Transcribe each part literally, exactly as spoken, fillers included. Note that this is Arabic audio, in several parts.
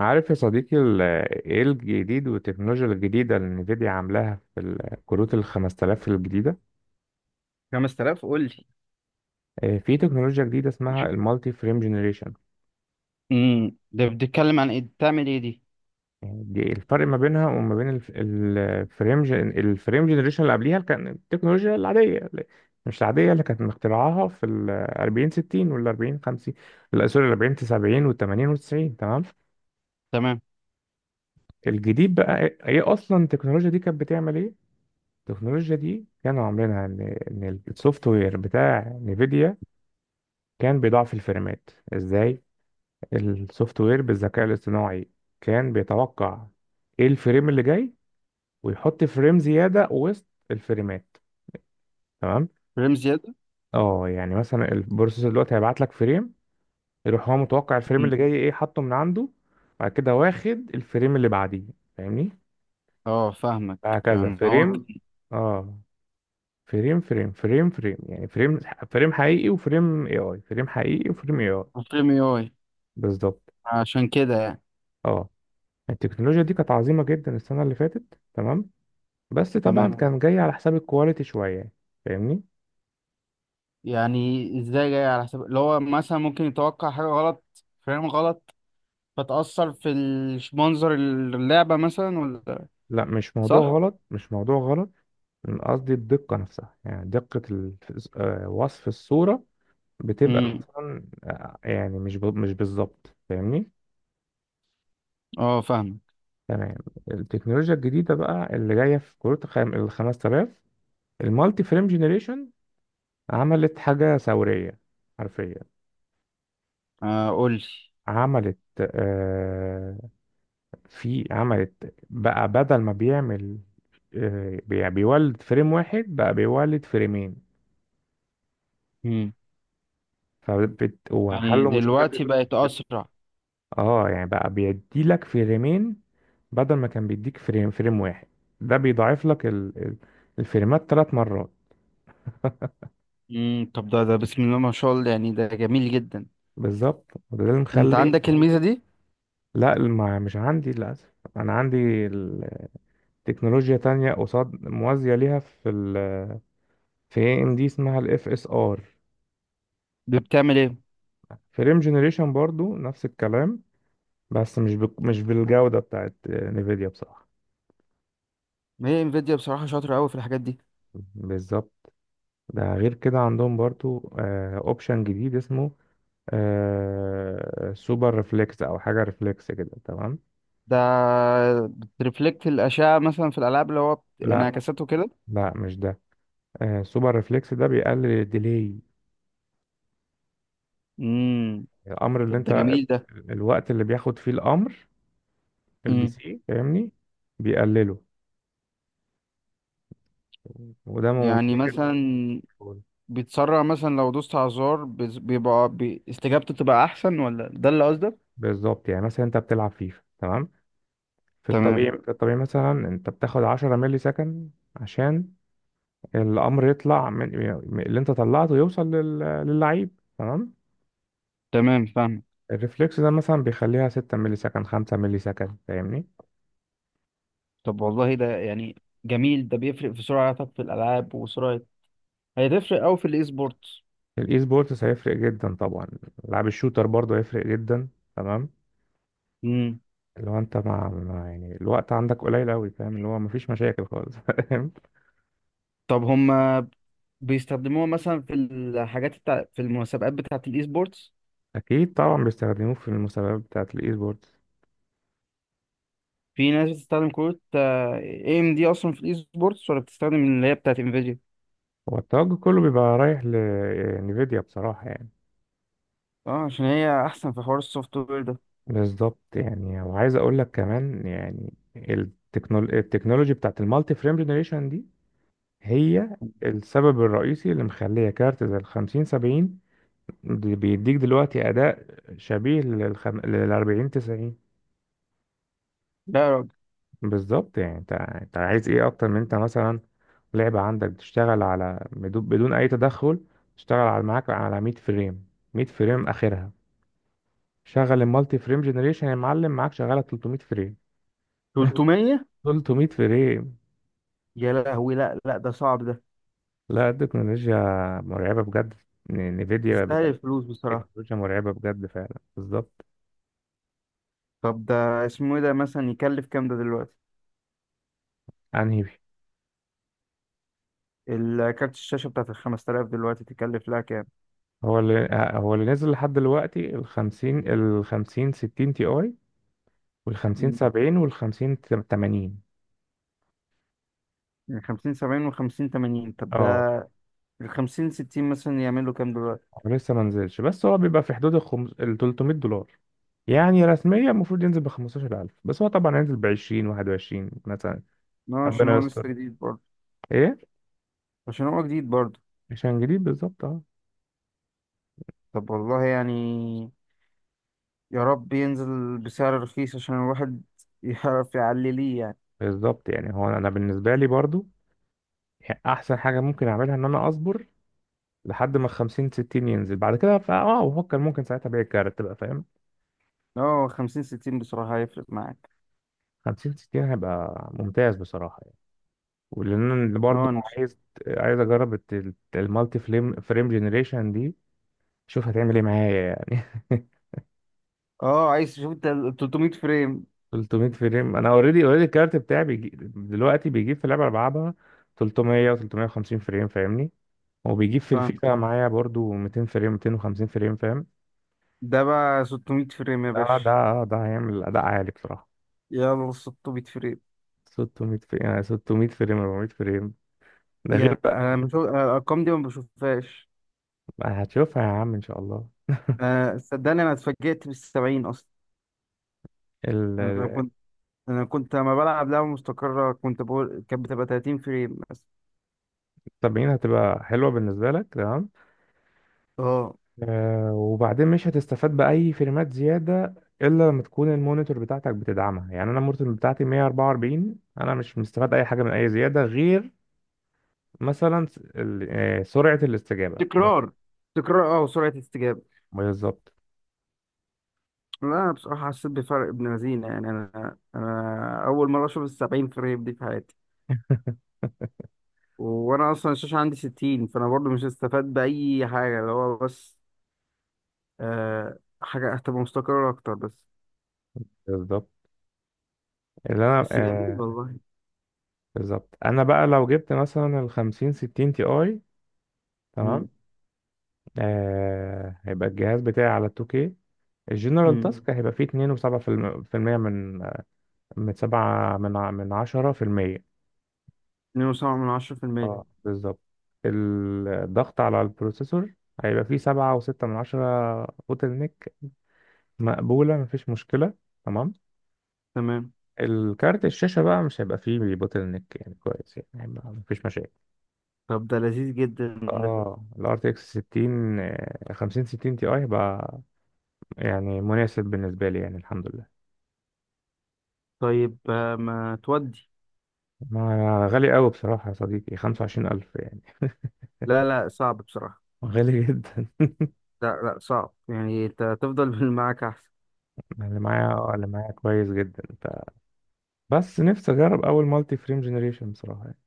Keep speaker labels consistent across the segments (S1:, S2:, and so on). S1: عارف يا صديقي، ال- ايه الجديد والتكنولوجيا الجديدة اللي نفيديا عاملاها في الكروت ال خمس آلاف الجديدة؟
S2: خمسة آلاف، قول لي.
S1: آه، في تكنولوجيا جديدة اسمها المالتي فريم جنريشن.
S2: امم ده بتتكلم عن ايه؟ بتعمل ايه دي؟
S1: دي الفرق ما بينها وما بين الف- الفريم جن- الفريم جنريشن اللي قبليها، اللي كان التكنولوجيا العادية، اللي- مش العادية اللي كانت مخترعاها في ال أربعين ستين وال أربعين خمسين، لا سوري، ال أربعين سبعين وال تمانين وال تسعين. تمام.
S2: تمام.
S1: الجديد بقى ايه إيه اصلا التكنولوجيا دي كانت بتعمل ايه؟ التكنولوجيا دي كانوا عاملينها ان ان السوفت وير بتاع نيفيديا كان بيضعف الفريمات ازاي. السوفت وير بالذكاء الاصطناعي كان بيتوقع ايه الفريم اللي جاي، ويحط فريم زيادة وسط الفريمات. تمام.
S2: فريم زياده.
S1: اه، يعني مثلا البروسيسور دلوقتي هيبعت لك فريم، يروح هو متوقع الفريم
S2: مم.
S1: اللي جاي ايه، حاطه من عنده. بعد كده واخد الفريم اللي بعديه. فاهمني؟
S2: اه، فاهمك.
S1: هكذا
S2: يعني هو
S1: فريم.
S2: ك-
S1: اه، فريم فريم فريم فريم، يعني فريم. فريم حقيقي وفريم اي اي، فريم حقيقي وفريم اي اي.
S2: فريم اي اي.
S1: بالظبط.
S2: عشان كده يعني.
S1: اه، التكنولوجيا دي كانت عظيمة جدا السنة اللي فاتت. تمام. بس طبعا، مم.
S2: تمام.
S1: كان جاي على حساب الكواليتي شوية. فاهمني؟
S2: يعني ازاي جاي على حساب اللي هو مثلا ممكن يتوقع حاجه غلط، فريم غلط، فتأثر في الش- منظر اللعبه مثلا ولا؟
S1: لا، مش موضوع، طب
S2: صح.
S1: غلط، مش موضوع غلط. أنا قصدي الدقة نفسها، يعني دقة ال- آه، وصف الصورة بتبقى
S2: امم،
S1: مثلا، آه، يعني مش ب- مش بالظبط. فاهمني؟
S2: اه، فاهمك.
S1: تمام. التكنولوجيا الجديدة بقى اللي جاية في كروت الخم- ال خمسة آلاف، المالتي فريم جنريشن، عملت حاجة ثورية حرفيا.
S2: آه، قول لي.
S1: عملت آه في عملت بقى، بدل ما بيعمل، آه بي- بيولد فريم واحد، بقى بيولد فريمين.
S2: امم
S1: فبت
S2: يعني
S1: وحلوا مشكلة.
S2: دلوقتي بقت اسرع؟
S1: اه، يعني بقى بيدي لك فريمين، بدل ما كان بيديك فريم فريم واحد. ده بيضاعف لك ال... ال- الفريمات ثلاث مرات.
S2: امم طب ده ده بسم الله ما شاء الله، يعني ده جميل جدا.
S1: بالظبط، وده اللي
S2: انت
S1: مخلي.
S2: عندك الميزه دي؟
S1: لا، ما مش عندي للاسف، انا عندي ال- تكنولوجيا تانية قصاد موازية ليها، في في اي ام دي، اسمها الاف اس ار.
S2: دي بتعمل ايه؟
S1: فريم جنريشن برضو نفس الكلام، بس مش بك... مش بالجودة بتاعت نيفيديا، بصراحة.
S2: ما هي انفيديا بصراحه شاطره قوي في الحاجات دي.
S1: بالظبط، ده غير كده عندهم برضو اوبشن جديد اسمه آه... سوبر ريفلكس، او حاجة ريفلكس كده. تمام.
S2: ده بترفلكت الاشعه مثلا في الالعاب، اللي هو بت-
S1: لا، تمام.
S2: انعكاساته كده.
S1: لا، مش ده. آه... سوبر ريفلكس ده بيقلل الديلي.
S2: امم
S1: الامر اللي
S2: طب
S1: انت.
S2: ده
S1: تمام.
S2: جميل ده.
S1: الوقت اللي بياخد فيه الامر البي
S2: امم
S1: سي. فاهمني؟ بيقلله، وده مهم
S2: يعني
S1: جدا.
S2: مثلا بيتسرع مثلا لو دوست على الزرار، بيز- بيبقى بي... استجابته تبقى احسن ولا ده اللي قصدك؟
S1: بالظبط، يعني مثلا انت بتلعب فيفا. تمام. في
S2: تمام.
S1: الطبيعي في الطبيعي مثلا انت بتاخد عشرة ملي سكند عشان الامر يطلع من من اللي انت طلعته، يوصل لل... للعيب. تمام.
S2: تمام، فاهم.
S1: الريفلكس ده مثلا بيخليها ستة ملي سكند، خمسة ملي سكند. فاهمني؟
S2: طب والله ده يعني جميل، ده بيفرق في سرعتك في الالعاب وسرعه، هيتفرق قوي في الاي سبورتس.
S1: الاي سبورتس هيفرق جدا طبعا. لعب الشوتر برضه هيفرق جدا. تمام.
S2: امم
S1: اللي هو انت مع مع- يعني الوقت عندك قليل قوي. فاهم؟ اللي هو مفيش مشاكل خالص فاهم.
S2: طب هما بيستخدموها مثلا في الحاجات بتاع، في المسابقات بتاعه الاي سبورتس؟
S1: اكيد طبعا، بيستخدموه في المسابقات بتاعت الاي سبورتس.
S2: في ناس بتستخدم كروت اي ام دي اصلا في الاي سبورتس ولا بتستخدم اللي هي بتاعت انفيديا؟
S1: هو التوجه كله بيبقى رايح لنفيديا بصراحة، يعني.
S2: اه، عشان هي احسن في حوار السوفت وير ده.
S1: بالظبط، يعني وعايز أقول لك كمان، يعني التكنول... التكنولوجي بتاعت المالتي فريم جنريشن دي، هي السبب الرئيسي اللي مخلية كارت زي الخمسين سبعين، دي- بيديك دلوقتي أداء شبيه للخم... للأربعين تسعين.
S2: لا يا راجل!
S1: بالظبط، يعني أنت أنت عايز إيه أكتر؟ من أنت مثلا، لعبة عندك بتشتغل على بدون بدون أي تدخل، تشتغل على معاك على مية فريم، مية فريم آخرها. شغل المالتي فريم جنريشن يا معلم، معاك شغاله تلتمية فريم.
S2: تلت ميه؟
S1: تلتمية فريم.
S2: يا لهوي، لا، لا، ده صعب ده.
S1: لا، التكنولوجيا مرعبه بجد. ن- نفيديا
S2: تستاهل
S1: بتاعت،
S2: الفلوس بصراحة.
S1: التكنولوجيا مرعبه بجد فعلا. بالظبط.
S2: طب ده اسمه ايه ده؟ مثلا يكلف كام ده دلوقتي؟
S1: انهي؟
S2: الكارت الشاشة بتاعت ال خمسة آلاف دلوقتي تكلف لها كام؟
S1: هو اللي آه، هو اللي نزل لحد دلوقتي ال خمسين، ال خمسين ستين تي اي، وال خمسين
S2: مم.
S1: سبعين، وال خمسين ثمانين.
S2: من خمسين سبعين و50 تمانين؟ طب
S1: اه،
S2: ده ال خمسين ستين مثلا يعمل له كام دلوقتي؟
S1: هو لسه ما نزلش، بس هو بيبقى في حدود ال خمس- ال تلتمية دولار. يعني رسميا المفروض ينزل ب خمستاشر ألف، بس هو طبعا هينزل ب عشرين، واحد وعشرين مثلا.
S2: اه، عشان
S1: ربنا
S2: هو
S1: يستر.
S2: لسه جديد برضه.
S1: ايه،
S2: عشان هو جديد برضه.
S1: عشان جديد، بالظبط اه.
S2: طب والله يعني يا رب ينزل بسعر رخيص، عشان الواحد يعرف يعلي ليه يعني.
S1: بالظبط، يعني هو انا بالنسبه لي برضو، احسن حاجه ممكن اعملها ان انا اصبر لحد ما خمسين ستين ينزل. بعد كده فا اه بفكر، ممكن ساعتها ابيع الكارت بقى. فاهم؟
S2: اه، خمسين ستين بصراحة هيفرق معاك.
S1: خمسين ستين هيبقى ممتاز بصراحه يعني. ولان أنا برضو
S2: اه، نش-
S1: عايز عايز اجرب الت- المالتي فليم فريم جنريشن دي، اشوف هتعمل ايه معايا. يعني
S2: اه، عايز تشوف انت ال تلت ميه فريم.
S1: ثلاثمئة فريم، انا اوريدي اوريدي الكارت بتاعي بيجي دلوقتي، بيجيب في اللعبه اللي بلعبها تلتمية و350 فريم. فاهمني؟ وبيجيب في
S2: فاهم.
S1: الفيفا معايا برضو ميتين فريم، ميتين وخمسين فريم. فاهم؟
S2: ده بقى ست ميه فريم يا
S1: ده ده
S2: باشا!
S1: آه، ده هيعمل اداء عالي بصراحه.
S2: يلا، ست ميه فريم!
S1: ستمية فريم، يعني ستمية فريم، ربعمية فريم. ده غير
S2: يا،
S1: بقى.
S2: انا بشوف، أنا الارقام دي ما بشوفهاش.
S1: هتشوفها يا عم ان شاء الله.
S2: آه، صدقني، انا اتفاجئت بال سبعين اصلا.
S1: ال
S2: انا كنت انا كنت لما بلعب لعبة مستقرة كنت بقول كانت بتبقى تلاتين فريم مثلا.
S1: سبعين هتبقى حلوه بالنسبه لك. تمام.
S2: اه،
S1: آه، وبعدين مش هتستفاد بأي فريمات زيادة، إلا لما تكون المونيتور بتاعتك بتدعمها. يعني أنا المونيتور بتاعتي مية وأربعة وأربعين، أنا مش مستفاد أي حاجة من أي زيادة، غير مثلا س- ال- آه، سرعة الاستجابة بس.
S2: تكرار، تكرار، اه، وسرعة استجابة.
S1: بالظبط.
S2: لا، انا بصراحه حسيت بفرق ابن لذينه يعني، انا انا اول مره اشوف السبعين فريم دي في حياتي. وانا اصلا الشاشه عندي ستين، فانا برضو مش هستفاد باي حاجه، اللي هو بس آه، حاجه هتبقى مستقره اكتر بس.
S1: بالظبط، اللي أنا
S2: بس جميل
S1: آه،
S2: والله.
S1: بالظبط أنا بقى لو جبت مثلا ال خمسين ستين تي أي.
S2: مم.
S1: تمام. آه، هيبقى الجهاز بتاعي على ال اتنين كي، الجنرال
S2: مم.
S1: تاسك هيبقى فيه اتنين فاصلة سبعة في المية من من سبعة من ع- من عشرة في المية.
S2: اتنين فاصلة سبعة من عشرة بالمية.
S1: اه بالظبط. الضغط على البروسيسور هيبقى فيه سبعة وستة من عشرة بوتل نيك، مقبولة مفيش مشكلة. تمام.
S2: تمام.
S1: الكارت الشاشة بقى مش هيبقى فيه بوتل نيك، يعني كويس يعني هيبقى مفيش مشاكل.
S2: طب ده لذيذ جدا ده.
S1: اه، ال آر تي إكس ستين، آه، خمسين ستين تي اي، هيبقى يعني مناسب بالنسبة لي يعني. الحمد لله.
S2: طيب، آه، ما تودي.
S1: ما غالي قوي بصراحة يا صديقي، خمسة وعشرين ألف يعني.
S2: لا، لا، صعب بصراحه.
S1: غالي جدا.
S2: لا، لا، صعب، يعني انت تفضل بالمعاك احسن.
S1: اللي معايا آه، اللي معايا كويس جدا، ف- بس نفسي اجرب اول مالتي فريم جنريشن بصراحة، يعني.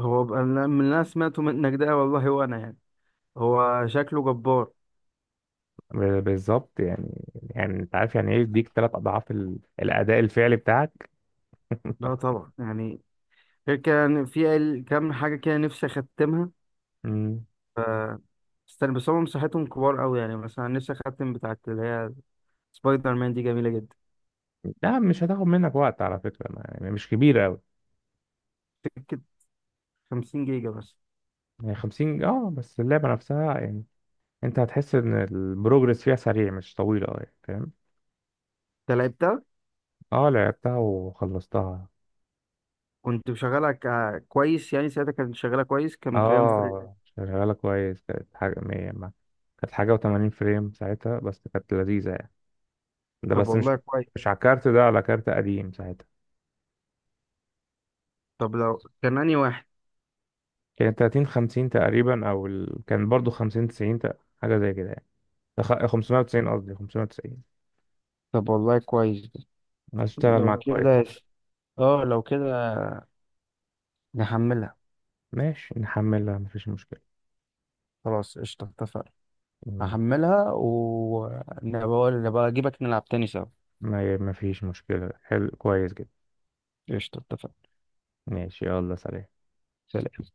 S2: هو بقى- من اللي انا سمعته منك ده والله، وانا يعني هو شكله جبار.
S1: ب- بالظبط يعني، يعني انت عارف يعني ايه يديك ثلاث اضعاف ال- الاداء الفعلي بتاعك.
S2: لا طبعا يعني، غير كان في ال- كام حاجة كده نفسي أختمها.
S1: مم.
S2: ف استنى بس، هم مساحتهم كبار أوي، يعني مثلا نفسي أختم بتاعت اللي هي سبايدر مان دي جميلة جدا.
S1: لا مش هتاخد منك وقت على فكره، ما يعني مش كبيره قوي.
S2: سكة خمسين جيجا بس.
S1: يعني خمسين، اه بس اللعبه نفسها يعني، انت هتحس ان البروجرس فيها سريع، مش طويله اه يعني. فاهم؟
S2: أنت لعبتها؟
S1: اه، لعبتها وخلصتها.
S2: كنت مشغلها ك- كويس يعني ساعتها؟ كانت شغالة كويس؟ كان كام فريم؟
S1: اه، شغاله كويس، كانت حاجه مية ما- كانت حاجه و80 فريم ساعتها، بس كانت لذيذه يعني. ده
S2: طب
S1: بس مش
S2: والله كويس.
S1: مش على كارت، ده على كارت قديم ساعتها،
S2: طب لو كان أنهي واحد.
S1: كانت تلاتين، خمسين تقريبا، او ال... كان برضو خمسين تسعين تق- حاجه زي كده يعني. أخ- خمسمية وتسعين قصدي خمسمية وتسعين.
S2: طب والله كويس ده.
S1: هشتغل
S2: لو
S1: معاك، مم. كويس.
S2: كده يس- اه، لو كده نحملها.
S1: ماشي، نحملها مفيش مشكله.
S2: خلاص، قشطة، اتفقنا.
S1: ماشي.
S2: هحملها، ونبقى نبقى أجيبك نلعب تاني سوا.
S1: ما ما فيش مشكله، حلو كويس جدا.
S2: قشطة، اتفقنا.
S1: ماشي، يلا سلام.
S2: سلام.